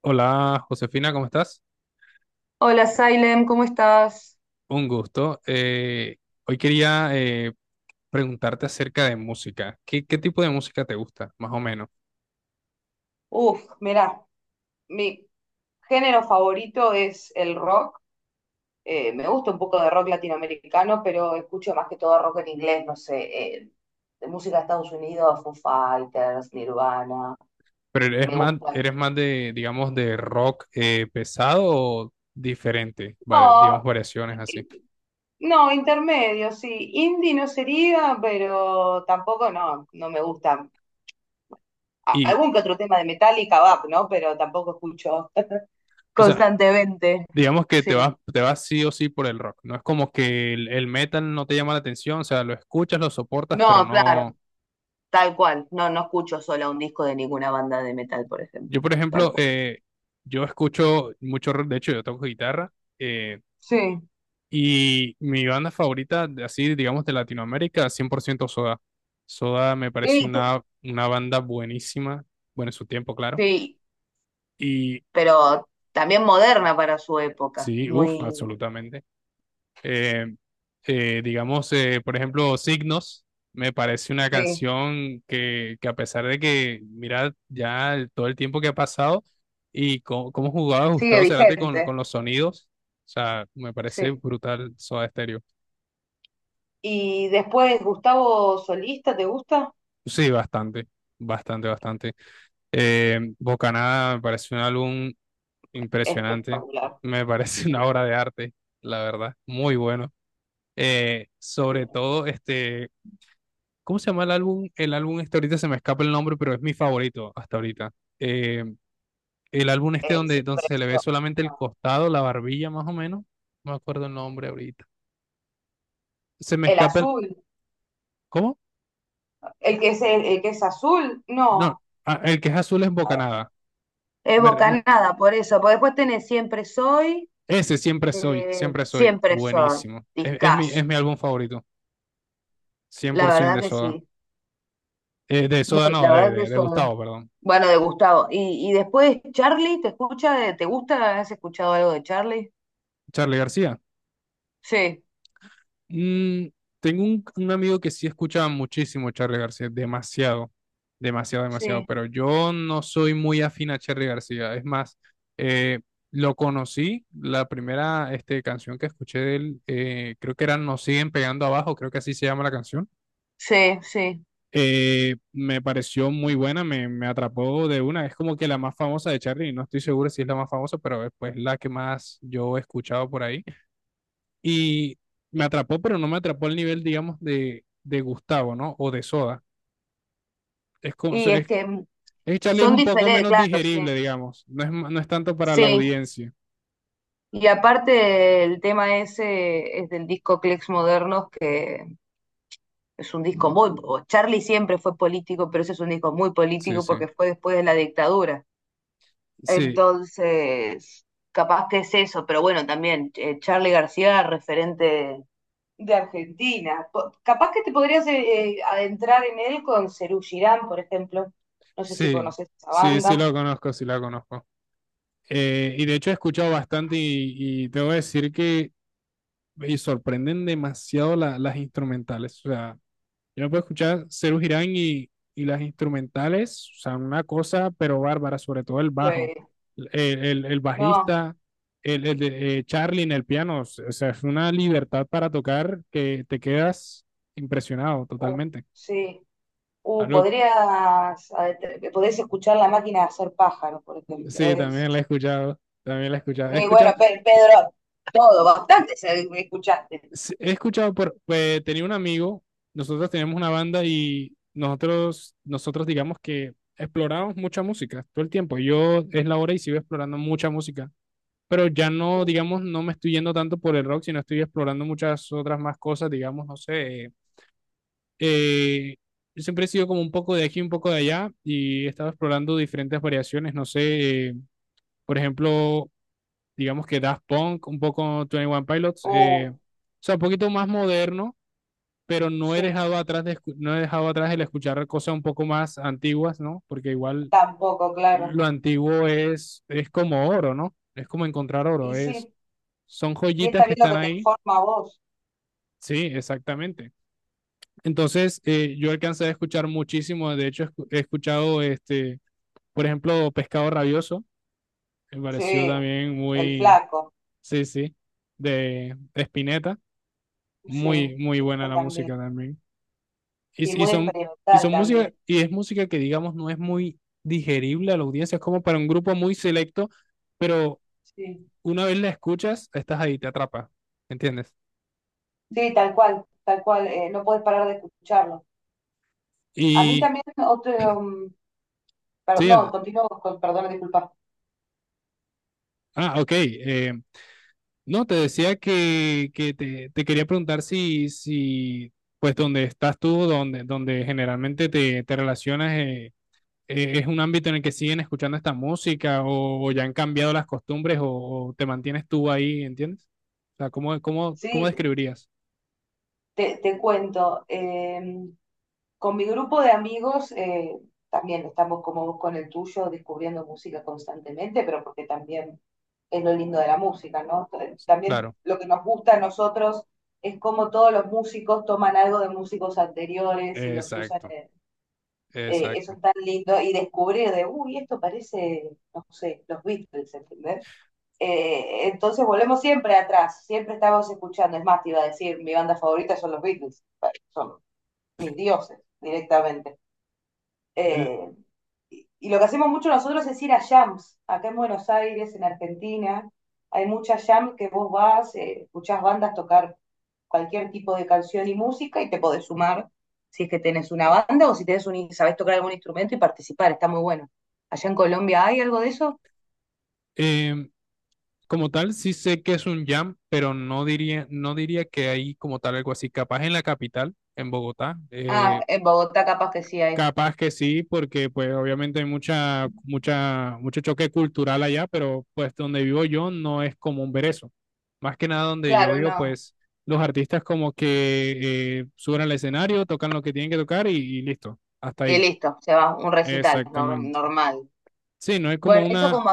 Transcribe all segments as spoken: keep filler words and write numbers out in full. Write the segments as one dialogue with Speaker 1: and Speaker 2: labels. Speaker 1: Hola Josefina, ¿cómo estás?
Speaker 2: Hola, Salem, ¿cómo estás?
Speaker 1: Un gusto. Eh, hoy quería eh, preguntarte acerca de música. ¿Qué, qué tipo de música te gusta, más o menos?
Speaker 2: Uf, mirá, mi género favorito es el rock. Eh, me gusta un poco de rock latinoamericano, pero escucho más que todo rock en inglés, no sé, eh, de música de Estados Unidos, Foo Fighters, Nirvana.
Speaker 1: ¿Pero eres
Speaker 2: Me
Speaker 1: más,
Speaker 2: gusta.
Speaker 1: eres más de, digamos, de rock eh, pesado o diferente? Vale, digamos,
Speaker 2: No,
Speaker 1: variaciones así.
Speaker 2: eh, no, intermedio, sí. Indie no sería, pero tampoco no, no me gusta. A-
Speaker 1: Y,
Speaker 2: Algún que otro tema de Metallica, va, ¿no? Pero tampoco escucho.
Speaker 1: o sea,
Speaker 2: Constantemente,
Speaker 1: digamos que
Speaker 2: sí.
Speaker 1: te vas, te vas sí o sí por el rock. No es como que el, el metal no te llama la atención, o sea, lo escuchas, lo soportas, pero
Speaker 2: No, claro.
Speaker 1: no...
Speaker 2: Tal cual, no, no escucho sola un disco de ninguna banda de metal, por ejemplo,
Speaker 1: Yo, por
Speaker 2: tal
Speaker 1: ejemplo,
Speaker 2: cual.
Speaker 1: eh, yo escucho mucho rock, de hecho, yo toco guitarra. eh,
Speaker 2: Sí.
Speaker 1: Y mi banda favorita, de- así digamos de Latinoamérica, cien por ciento Soda. Soda me pareció
Speaker 2: Y te-
Speaker 1: una, una banda buenísima, bueno, en su tiempo, claro.
Speaker 2: sí,
Speaker 1: Y
Speaker 2: pero también moderna para su época,
Speaker 1: sí, uff,
Speaker 2: muy...
Speaker 1: absolutamente. Eh, eh, digamos, eh, por ejemplo, Signos, me parece una
Speaker 2: Sí,
Speaker 1: canción que, que a pesar de que, mira, ya el- todo el tiempo que ha pasado y cómo, cómo jugaba
Speaker 2: sigue
Speaker 1: Gustavo Cerati con, con
Speaker 2: vigente.
Speaker 1: los sonidos, o sea, me parece
Speaker 2: Sí.
Speaker 1: brutal Soda Stereo.
Speaker 2: Y después, Gustavo Solista, ¿te gusta?
Speaker 1: Sí, bastante, bastante, bastante. Eh, Bocanada me parece un álbum impresionante,
Speaker 2: Espectacular.
Speaker 1: me parece una
Speaker 2: Sí.
Speaker 1: obra de arte, la verdad, muy bueno. Eh, sobre todo, este, ¿cómo se llama el álbum? El álbum este ahorita se me escapa el nombre, pero es mi favorito hasta ahorita. Eh, el álbum este
Speaker 2: Eh,
Speaker 1: donde, donde
Speaker 2: siempre
Speaker 1: se le ve
Speaker 2: eso.
Speaker 1: solamente el
Speaker 2: No.
Speaker 1: costado, la barbilla más o menos, no me acuerdo el nombre ahorita. Se me
Speaker 2: El
Speaker 1: escapa el...
Speaker 2: azul,
Speaker 1: ¿Cómo?
Speaker 2: el que es el, el que es azul,
Speaker 1: No,
Speaker 2: no.
Speaker 1: ah, el que es azul es
Speaker 2: Ah,
Speaker 1: Bocanada.
Speaker 2: es
Speaker 1: Me re- me-
Speaker 2: bocanada, por eso, porque después tenés Siempre Soy,
Speaker 1: Ese siempre soy,
Speaker 2: eh,
Speaker 1: siempre soy,
Speaker 2: Siempre Soy,
Speaker 1: buenísimo. Es, es mi, es
Speaker 2: discazo.
Speaker 1: mi álbum favorito.
Speaker 2: La
Speaker 1: cien por ciento
Speaker 2: verdad
Speaker 1: de
Speaker 2: que
Speaker 1: Soda.
Speaker 2: sí.
Speaker 1: Eh, de Soda
Speaker 2: Muy-
Speaker 1: no,
Speaker 2: la
Speaker 1: de,
Speaker 2: verdad que
Speaker 1: de, de
Speaker 2: son.
Speaker 1: Gustavo, perdón.
Speaker 2: Bueno, de Gustavo. Y, y después, Charlie, ¿te escucha? de- ¿Te gusta? ¿Has escuchado algo de Charlie?
Speaker 1: Charlie García.
Speaker 2: Sí,
Speaker 1: Mm, Tengo un, un amigo que sí escuchaba muchísimo Charlie García, demasiado, demasiado, demasiado,
Speaker 2: sí,
Speaker 1: pero yo no soy muy afín a Charlie García. Es más, eh, lo conocí, la primera este, canción que escuché de él, eh, creo que era Nos siguen pegando abajo, creo que así se llama la canción.
Speaker 2: sí, sí.
Speaker 1: Eh, me pareció muy buena, me, me atrapó de una. Es como que la más famosa de Charlie, no estoy seguro si es la más famosa, pero es pues la que más yo he escuchado por ahí. Y me atrapó, pero no me atrapó al nivel, digamos, de, de Gustavo, ¿no? O de Soda. Es como, so,
Speaker 2: Y es
Speaker 1: es,
Speaker 2: que mm,
Speaker 1: es- Charlie es
Speaker 2: son
Speaker 1: un poco
Speaker 2: diferentes,
Speaker 1: menos
Speaker 2: claro, sí.
Speaker 1: digerible, digamos. No es, ma- no es tanto para la
Speaker 2: Sí.
Speaker 1: audiencia.
Speaker 2: Y aparte, el tema ese es del disco Clex Modernos, que es un disco muy. O Charlie siempre fue político, pero ese es un disco muy
Speaker 1: Sí,
Speaker 2: político
Speaker 1: sí.
Speaker 2: porque fue después de la dictadura.
Speaker 1: Sí,
Speaker 2: Entonces, capaz que es eso, pero bueno, también eh, Charly García, referente de Argentina. Po- capaz que te podrías eh, eh, adentrar en él con Serú Girán, por ejemplo. No sé si
Speaker 1: sí,
Speaker 2: conoces esa
Speaker 1: sí, sí
Speaker 2: banda.
Speaker 1: lo conozco, sí la conozco. Eh, y de hecho he escuchado bastante y, y tengo que decir que y sorprenden demasiado la- las instrumentales. O sea, yo me puedo escuchar Serú Girán y, y las instrumentales, o sea, una cosa, pero bárbara, sobre todo el bajo,
Speaker 2: Eh,
Speaker 1: el, el- el
Speaker 2: no,
Speaker 1: bajista, el, el de eh, Charlie en el piano, o sea, es una libertad para tocar que te quedas impresionado
Speaker 2: uh,
Speaker 1: totalmente.
Speaker 2: sí. Uh,
Speaker 1: Algo,
Speaker 2: podrías, adentr- podés escuchar La Máquina de Hacer Pájaros, por ejemplo.
Speaker 1: sí,
Speaker 2: Es-
Speaker 1: también la he escuchado, también la he escuchado. He
Speaker 2: Y bueno,
Speaker 1: escuchado
Speaker 2: Pe- Pedro, todo, bastante se- escuchaste.
Speaker 1: sí, he escuchado por, pues tenía un amigo, nosotros teníamos una banda y nosotros, nosotros digamos que explorábamos mucha música todo el tiempo. Yo es la hora y sigo explorando mucha música, pero ya no, digamos, no me estoy yendo tanto por el rock, sino estoy explorando muchas otras más cosas, digamos, no sé. eh, yo siempre he sido como un poco de aquí, un poco de allá y he estado explorando diferentes variaciones, no sé, eh, por ejemplo, digamos que Daft Punk, un poco Twenty One Pilots,
Speaker 2: Uh,
Speaker 1: eh, o sea, un poquito más moderno, pero no he
Speaker 2: sí,
Speaker 1: dejado atrás de, escu- no he dejado atrás el escuchar cosas un poco más antiguas, ¿no? Porque igual
Speaker 2: tampoco, claro.
Speaker 1: lo antiguo es, es como oro, ¿no? Es como encontrar oro,
Speaker 2: Y
Speaker 1: es,
Speaker 2: sí.
Speaker 1: son
Speaker 2: Y está
Speaker 1: joyitas que
Speaker 2: bien lo
Speaker 1: están
Speaker 2: que te
Speaker 1: ahí.
Speaker 2: informa a vos.
Speaker 1: Sí, exactamente. Entonces, eh, yo alcancé a escuchar muchísimo, de hecho, escu- he escuchado, este, por ejemplo, Pescado Rabioso, me
Speaker 2: Sí,
Speaker 1: pareció también
Speaker 2: el
Speaker 1: muy,
Speaker 2: flaco.
Speaker 1: sí, sí, de Spinetta,
Speaker 2: Sí,
Speaker 1: muy, muy buena
Speaker 2: eso
Speaker 1: la
Speaker 2: también.
Speaker 1: música también.
Speaker 2: Sí,
Speaker 1: y, y
Speaker 2: muy
Speaker 1: son, y
Speaker 2: experimental
Speaker 1: son música,
Speaker 2: también.
Speaker 1: y es música que digamos no es muy digerible a la audiencia, es como para un grupo muy selecto, pero
Speaker 2: Sí,
Speaker 1: una vez la escuchas, estás ahí, te atrapa, ¿entiendes?
Speaker 2: sí, tal cual, tal cual. Eh, no puedes parar de escucharlo. A mí
Speaker 1: Y
Speaker 2: también otro... um, per-
Speaker 1: sí,
Speaker 2: no,
Speaker 1: ah,
Speaker 2: continúo con, perdón, disculpa.
Speaker 1: ah, ok. Eh, no, te decía que, que te, te quería preguntar si, si, pues, donde estás tú, donde, donde generalmente te, te relacionas, eh, eh, es un ámbito en el que siguen escuchando esta música o, o ya han cambiado las costumbres o, o, te mantienes tú ahí, ¿entiendes? O sea, ¿cómo, cómo, ¿cómo
Speaker 2: Sí,
Speaker 1: describirías?
Speaker 2: Te, te cuento, eh, con mi grupo de amigos eh, también estamos como vos con el tuyo descubriendo música constantemente, pero porque también es lo lindo de la música, ¿no? T- También
Speaker 1: Claro,
Speaker 2: lo que nos gusta a nosotros es cómo todos los músicos toman algo de músicos anteriores y los usan,
Speaker 1: exacto,
Speaker 2: en- eh, eso
Speaker 1: exacto.
Speaker 2: es tan lindo, y descubrir de, uy, esto parece, no sé, los Beatles, ¿entendés? Eh, entonces volvemos siempre atrás, siempre estábamos escuchando. Es más, te iba a decir, mi banda favorita son los Beatles, son mis dioses directamente.
Speaker 1: Eh,
Speaker 2: Eh, y, y lo que hacemos mucho nosotros es ir a jams, acá en Buenos Aires, en Argentina, hay muchas jams que vos vas, eh, escuchás bandas tocar cualquier tipo de canción y música y te podés sumar si es que tenés una banda o si tenés un, sabés tocar algún instrumento y participar, está muy bueno. ¿Allá en Colombia hay algo de eso?
Speaker 1: eh, Como tal, sí sé que es un jam, pero no diría, no diría que hay como tal algo así. Capaz en la capital, en Bogotá,
Speaker 2: Ah,
Speaker 1: eh,
Speaker 2: en Bogotá capaz que sí hay.
Speaker 1: capaz que sí, porque pues obviamente hay mucha, mucha, mucho choque cultural allá, pero pues donde vivo yo no es común ver eso. Más que nada donde yo
Speaker 2: Claro,
Speaker 1: vivo,
Speaker 2: no,
Speaker 1: pues los artistas como que eh, suben al escenario, tocan lo que tienen que tocar y, y listo, hasta
Speaker 2: y
Speaker 1: ahí.
Speaker 2: listo, se va, un recital nor-
Speaker 1: Exactamente.
Speaker 2: normal.
Speaker 1: Sí, no hay
Speaker 2: Bueno,
Speaker 1: como
Speaker 2: eso
Speaker 1: una,
Speaker 2: como,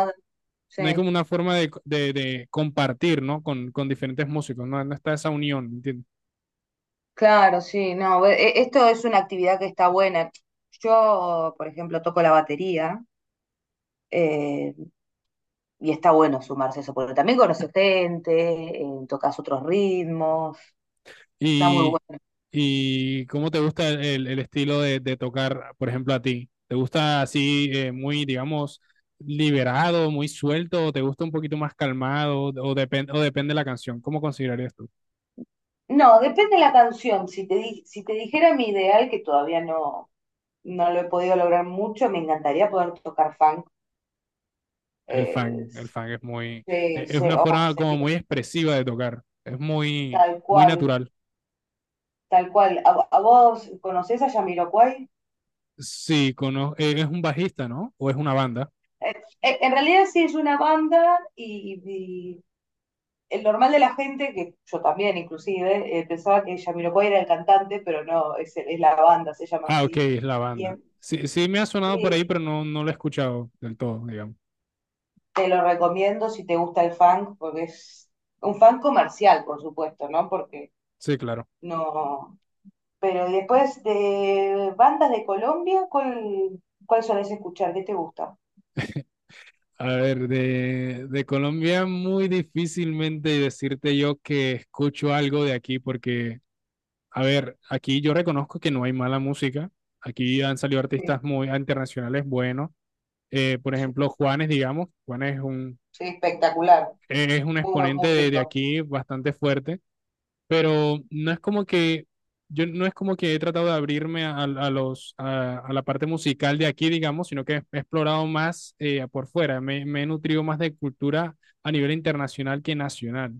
Speaker 1: no hay
Speaker 2: sí,
Speaker 1: como una forma de, de, de compartir, ¿no? Con, con diferentes músicos, ¿no? No está esa unión, ¿entiendes?
Speaker 2: claro, sí, no, e- e- esto es una actividad que está buena. Yo, por ejemplo, toco la batería eh, y está bueno sumarse a eso, porque también conoces gente, eh, tocas otros ritmos, está muy
Speaker 1: ¿Y,
Speaker 2: bueno.
Speaker 1: y cómo te gusta el, el estilo de, de tocar, por ejemplo, a ti? ¿Te gusta así eh, muy, digamos, liberado, muy suelto, o te gusta un poquito más calmado, o, depende o depende de la canción? ¿Cómo considerarías tú?
Speaker 2: No, depende de la canción. Si te, di- si te dijera mi ideal, que todavía no, no lo he podido lograr mucho, me encantaría poder tocar funk.
Speaker 1: El
Speaker 2: eh,
Speaker 1: fan, el fan es muy,
Speaker 2: se-
Speaker 1: e- es
Speaker 2: se-
Speaker 1: una
Speaker 2: o
Speaker 1: forma como
Speaker 2: sería
Speaker 1: muy expresiva de tocar, es muy,
Speaker 2: tal
Speaker 1: muy
Speaker 2: cual.
Speaker 1: natural.
Speaker 2: Tal cual. ¿A, a vos conocés a Jamiroquai?
Speaker 1: Sí, cono- eh, ¿es un bajista, no? ¿O es una banda?
Speaker 2: En, en realidad sí es una banda y, y el normal de la gente, que yo también inclusive, eh, pensaba que Jamiroquai era el cantante, pero no, es, es la banda, se llama
Speaker 1: Ah, ok,
Speaker 2: así.
Speaker 1: es la
Speaker 2: Y es-
Speaker 1: banda. Sí, sí me ha sonado por ahí,
Speaker 2: eh,
Speaker 1: pero no, no lo he escuchado del todo, digamos.
Speaker 2: te lo recomiendo si te gusta el funk, porque es un funk comercial, por supuesto, ¿no? Porque
Speaker 1: Sí, claro.
Speaker 2: no... Pero y después de bandas de Colombia, ¿cuál, cuál solés escuchar? ¿Qué te gusta?
Speaker 1: A ver, de, de Colombia muy difícilmente decirte yo que escucho algo de aquí porque, a ver, aquí yo reconozco que no hay mala música. Aquí han salido
Speaker 2: Sí,
Speaker 1: artistas muy internacionales buenos. Eh, por
Speaker 2: sí,
Speaker 1: ejemplo, Juanes, digamos. Juanes es un,
Speaker 2: sí, espectacular.
Speaker 1: es un
Speaker 2: Muy buen
Speaker 1: exponente de, de
Speaker 2: músico,
Speaker 1: aquí bastante fuerte, pero no es como que yo no es como que he tratado de abrirme a, a los a, a la parte musical de aquí, digamos, sino que he explorado más eh, por fuera, me, me he nutrido más de cultura a nivel internacional que nacional.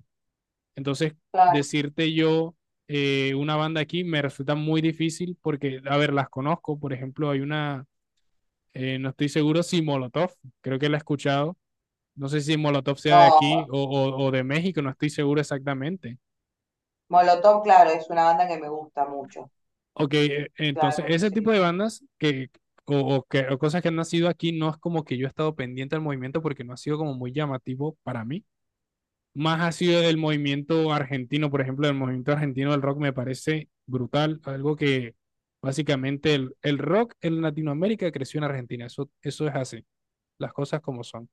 Speaker 1: Entonces,
Speaker 2: claro.
Speaker 1: decirte yo eh, una banda aquí me resulta muy difícil porque, a ver, las conozco, por ejemplo, hay una, eh, no estoy seguro si Molotov, creo que la he escuchado, no sé si Molotov sea de
Speaker 2: No,
Speaker 1: aquí
Speaker 2: Mo-
Speaker 1: o, o o de México, no estoy seguro exactamente.
Speaker 2: Molotov, claro, es una banda que me gusta mucho.
Speaker 1: Ok, e- entonces
Speaker 2: Claro,
Speaker 1: ese tipo
Speaker 2: sí.
Speaker 1: de bandas que, o, o que, o cosas que han nacido aquí no es como que yo he estado pendiente del movimiento porque no ha sido como muy llamativo para mí. Más ha sido del movimiento argentino, por ejemplo, el movimiento argentino del rock me parece brutal, algo que básicamente el, el rock en Latinoamérica creció en Argentina, eso, eso es así, las cosas como son.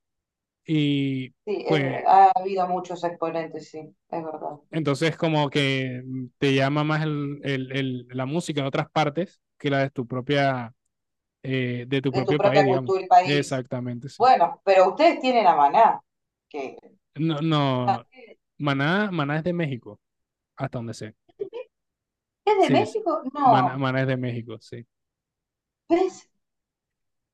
Speaker 1: Y
Speaker 2: Sí, es-
Speaker 1: pues
Speaker 2: ha habido muchos exponentes, sí, es verdad.
Speaker 1: entonces como que mm, te llama más el- el- el- la música de otras partes que la de tu propia eh, de tu
Speaker 2: De tu
Speaker 1: propio país,
Speaker 2: propia
Speaker 1: digamos.
Speaker 2: cultura y país.
Speaker 1: Exactamente, sí.
Speaker 2: Bueno, pero ustedes tienen a Maná, que
Speaker 1: No, no, Maná, Maná es de México, hasta donde sé.
Speaker 2: es de
Speaker 1: Sí, sí.
Speaker 2: México.
Speaker 1: Maná,
Speaker 2: No,
Speaker 1: Maná es de México, sí.
Speaker 2: ¿ves?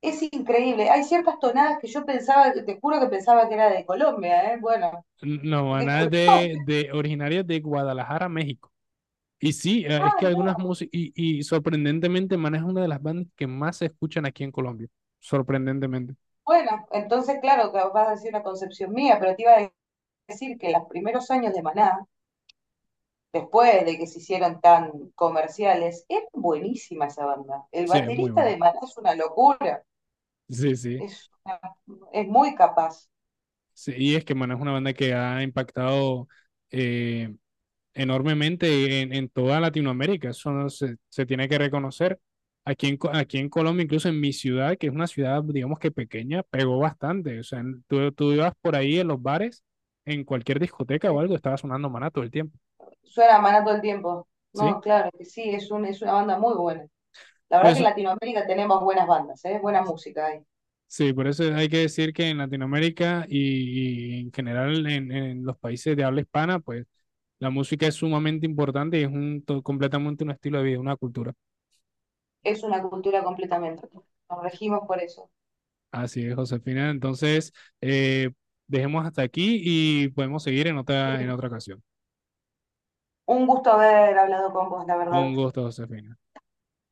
Speaker 2: Es increíble. Hay ciertas tonadas que yo pensaba, te juro que pensaba que era de Colombia, ¿eh? Bueno,
Speaker 1: No, Maná es
Speaker 2: disculpame.
Speaker 1: de, de originaria de Guadalajara, México. Y sí, eh, es
Speaker 2: Ah,
Speaker 1: que algunas
Speaker 2: no.
Speaker 1: músicas, y, y sorprendentemente Maná es una de las bandas que más se escuchan aquí en Colombia. Sorprendentemente.
Speaker 2: Bueno, entonces, claro, que vas a decir una concepción mía, pero te iba a decir que los primeros años de Maná, después de que se hicieron tan comerciales, es buenísima esa banda. El
Speaker 1: Sí, es muy
Speaker 2: baterista
Speaker 1: bueno.
Speaker 2: de Maná es una locura,
Speaker 1: Sí, sí.
Speaker 2: es, una- es muy capaz.
Speaker 1: Sí, y es que Maná es una banda que ha impactado eh, enormemente en, en toda Latinoamérica. Eso no se, se tiene que reconocer. Aquí en, aquí en Colombia, incluso en mi ciudad, que es una ciudad, digamos que pequeña, pegó bastante. O sea, en- tú, tú ibas por ahí en los bares, en cualquier discoteca o
Speaker 2: Eh,
Speaker 1: algo, estaba sonando maná todo el tiempo,
Speaker 2: Suena a Maná todo el tiempo.
Speaker 1: ¿sí?
Speaker 2: No, claro que sí, es, un, es una banda muy buena. La verdad que
Speaker 1: Pues
Speaker 2: en Latinoamérica tenemos buenas bandas, ¿eh? Buena música ahí.
Speaker 1: sí, por eso hay que decir que en Latinoamérica y, y en general en, en los países de habla hispana, pues la música es sumamente importante y es un, to- completamente un estilo de vida, una cultura.
Speaker 2: Es una cultura completamente. Nos regimos por eso.
Speaker 1: Así es, Josefina. Entonces, eh, dejemos hasta aquí y podemos seguir en
Speaker 2: Sí.
Speaker 1: otra, en otra ocasión.
Speaker 2: Un gusto haber hablado con vos, la verdad.
Speaker 1: Un gusto, Josefina.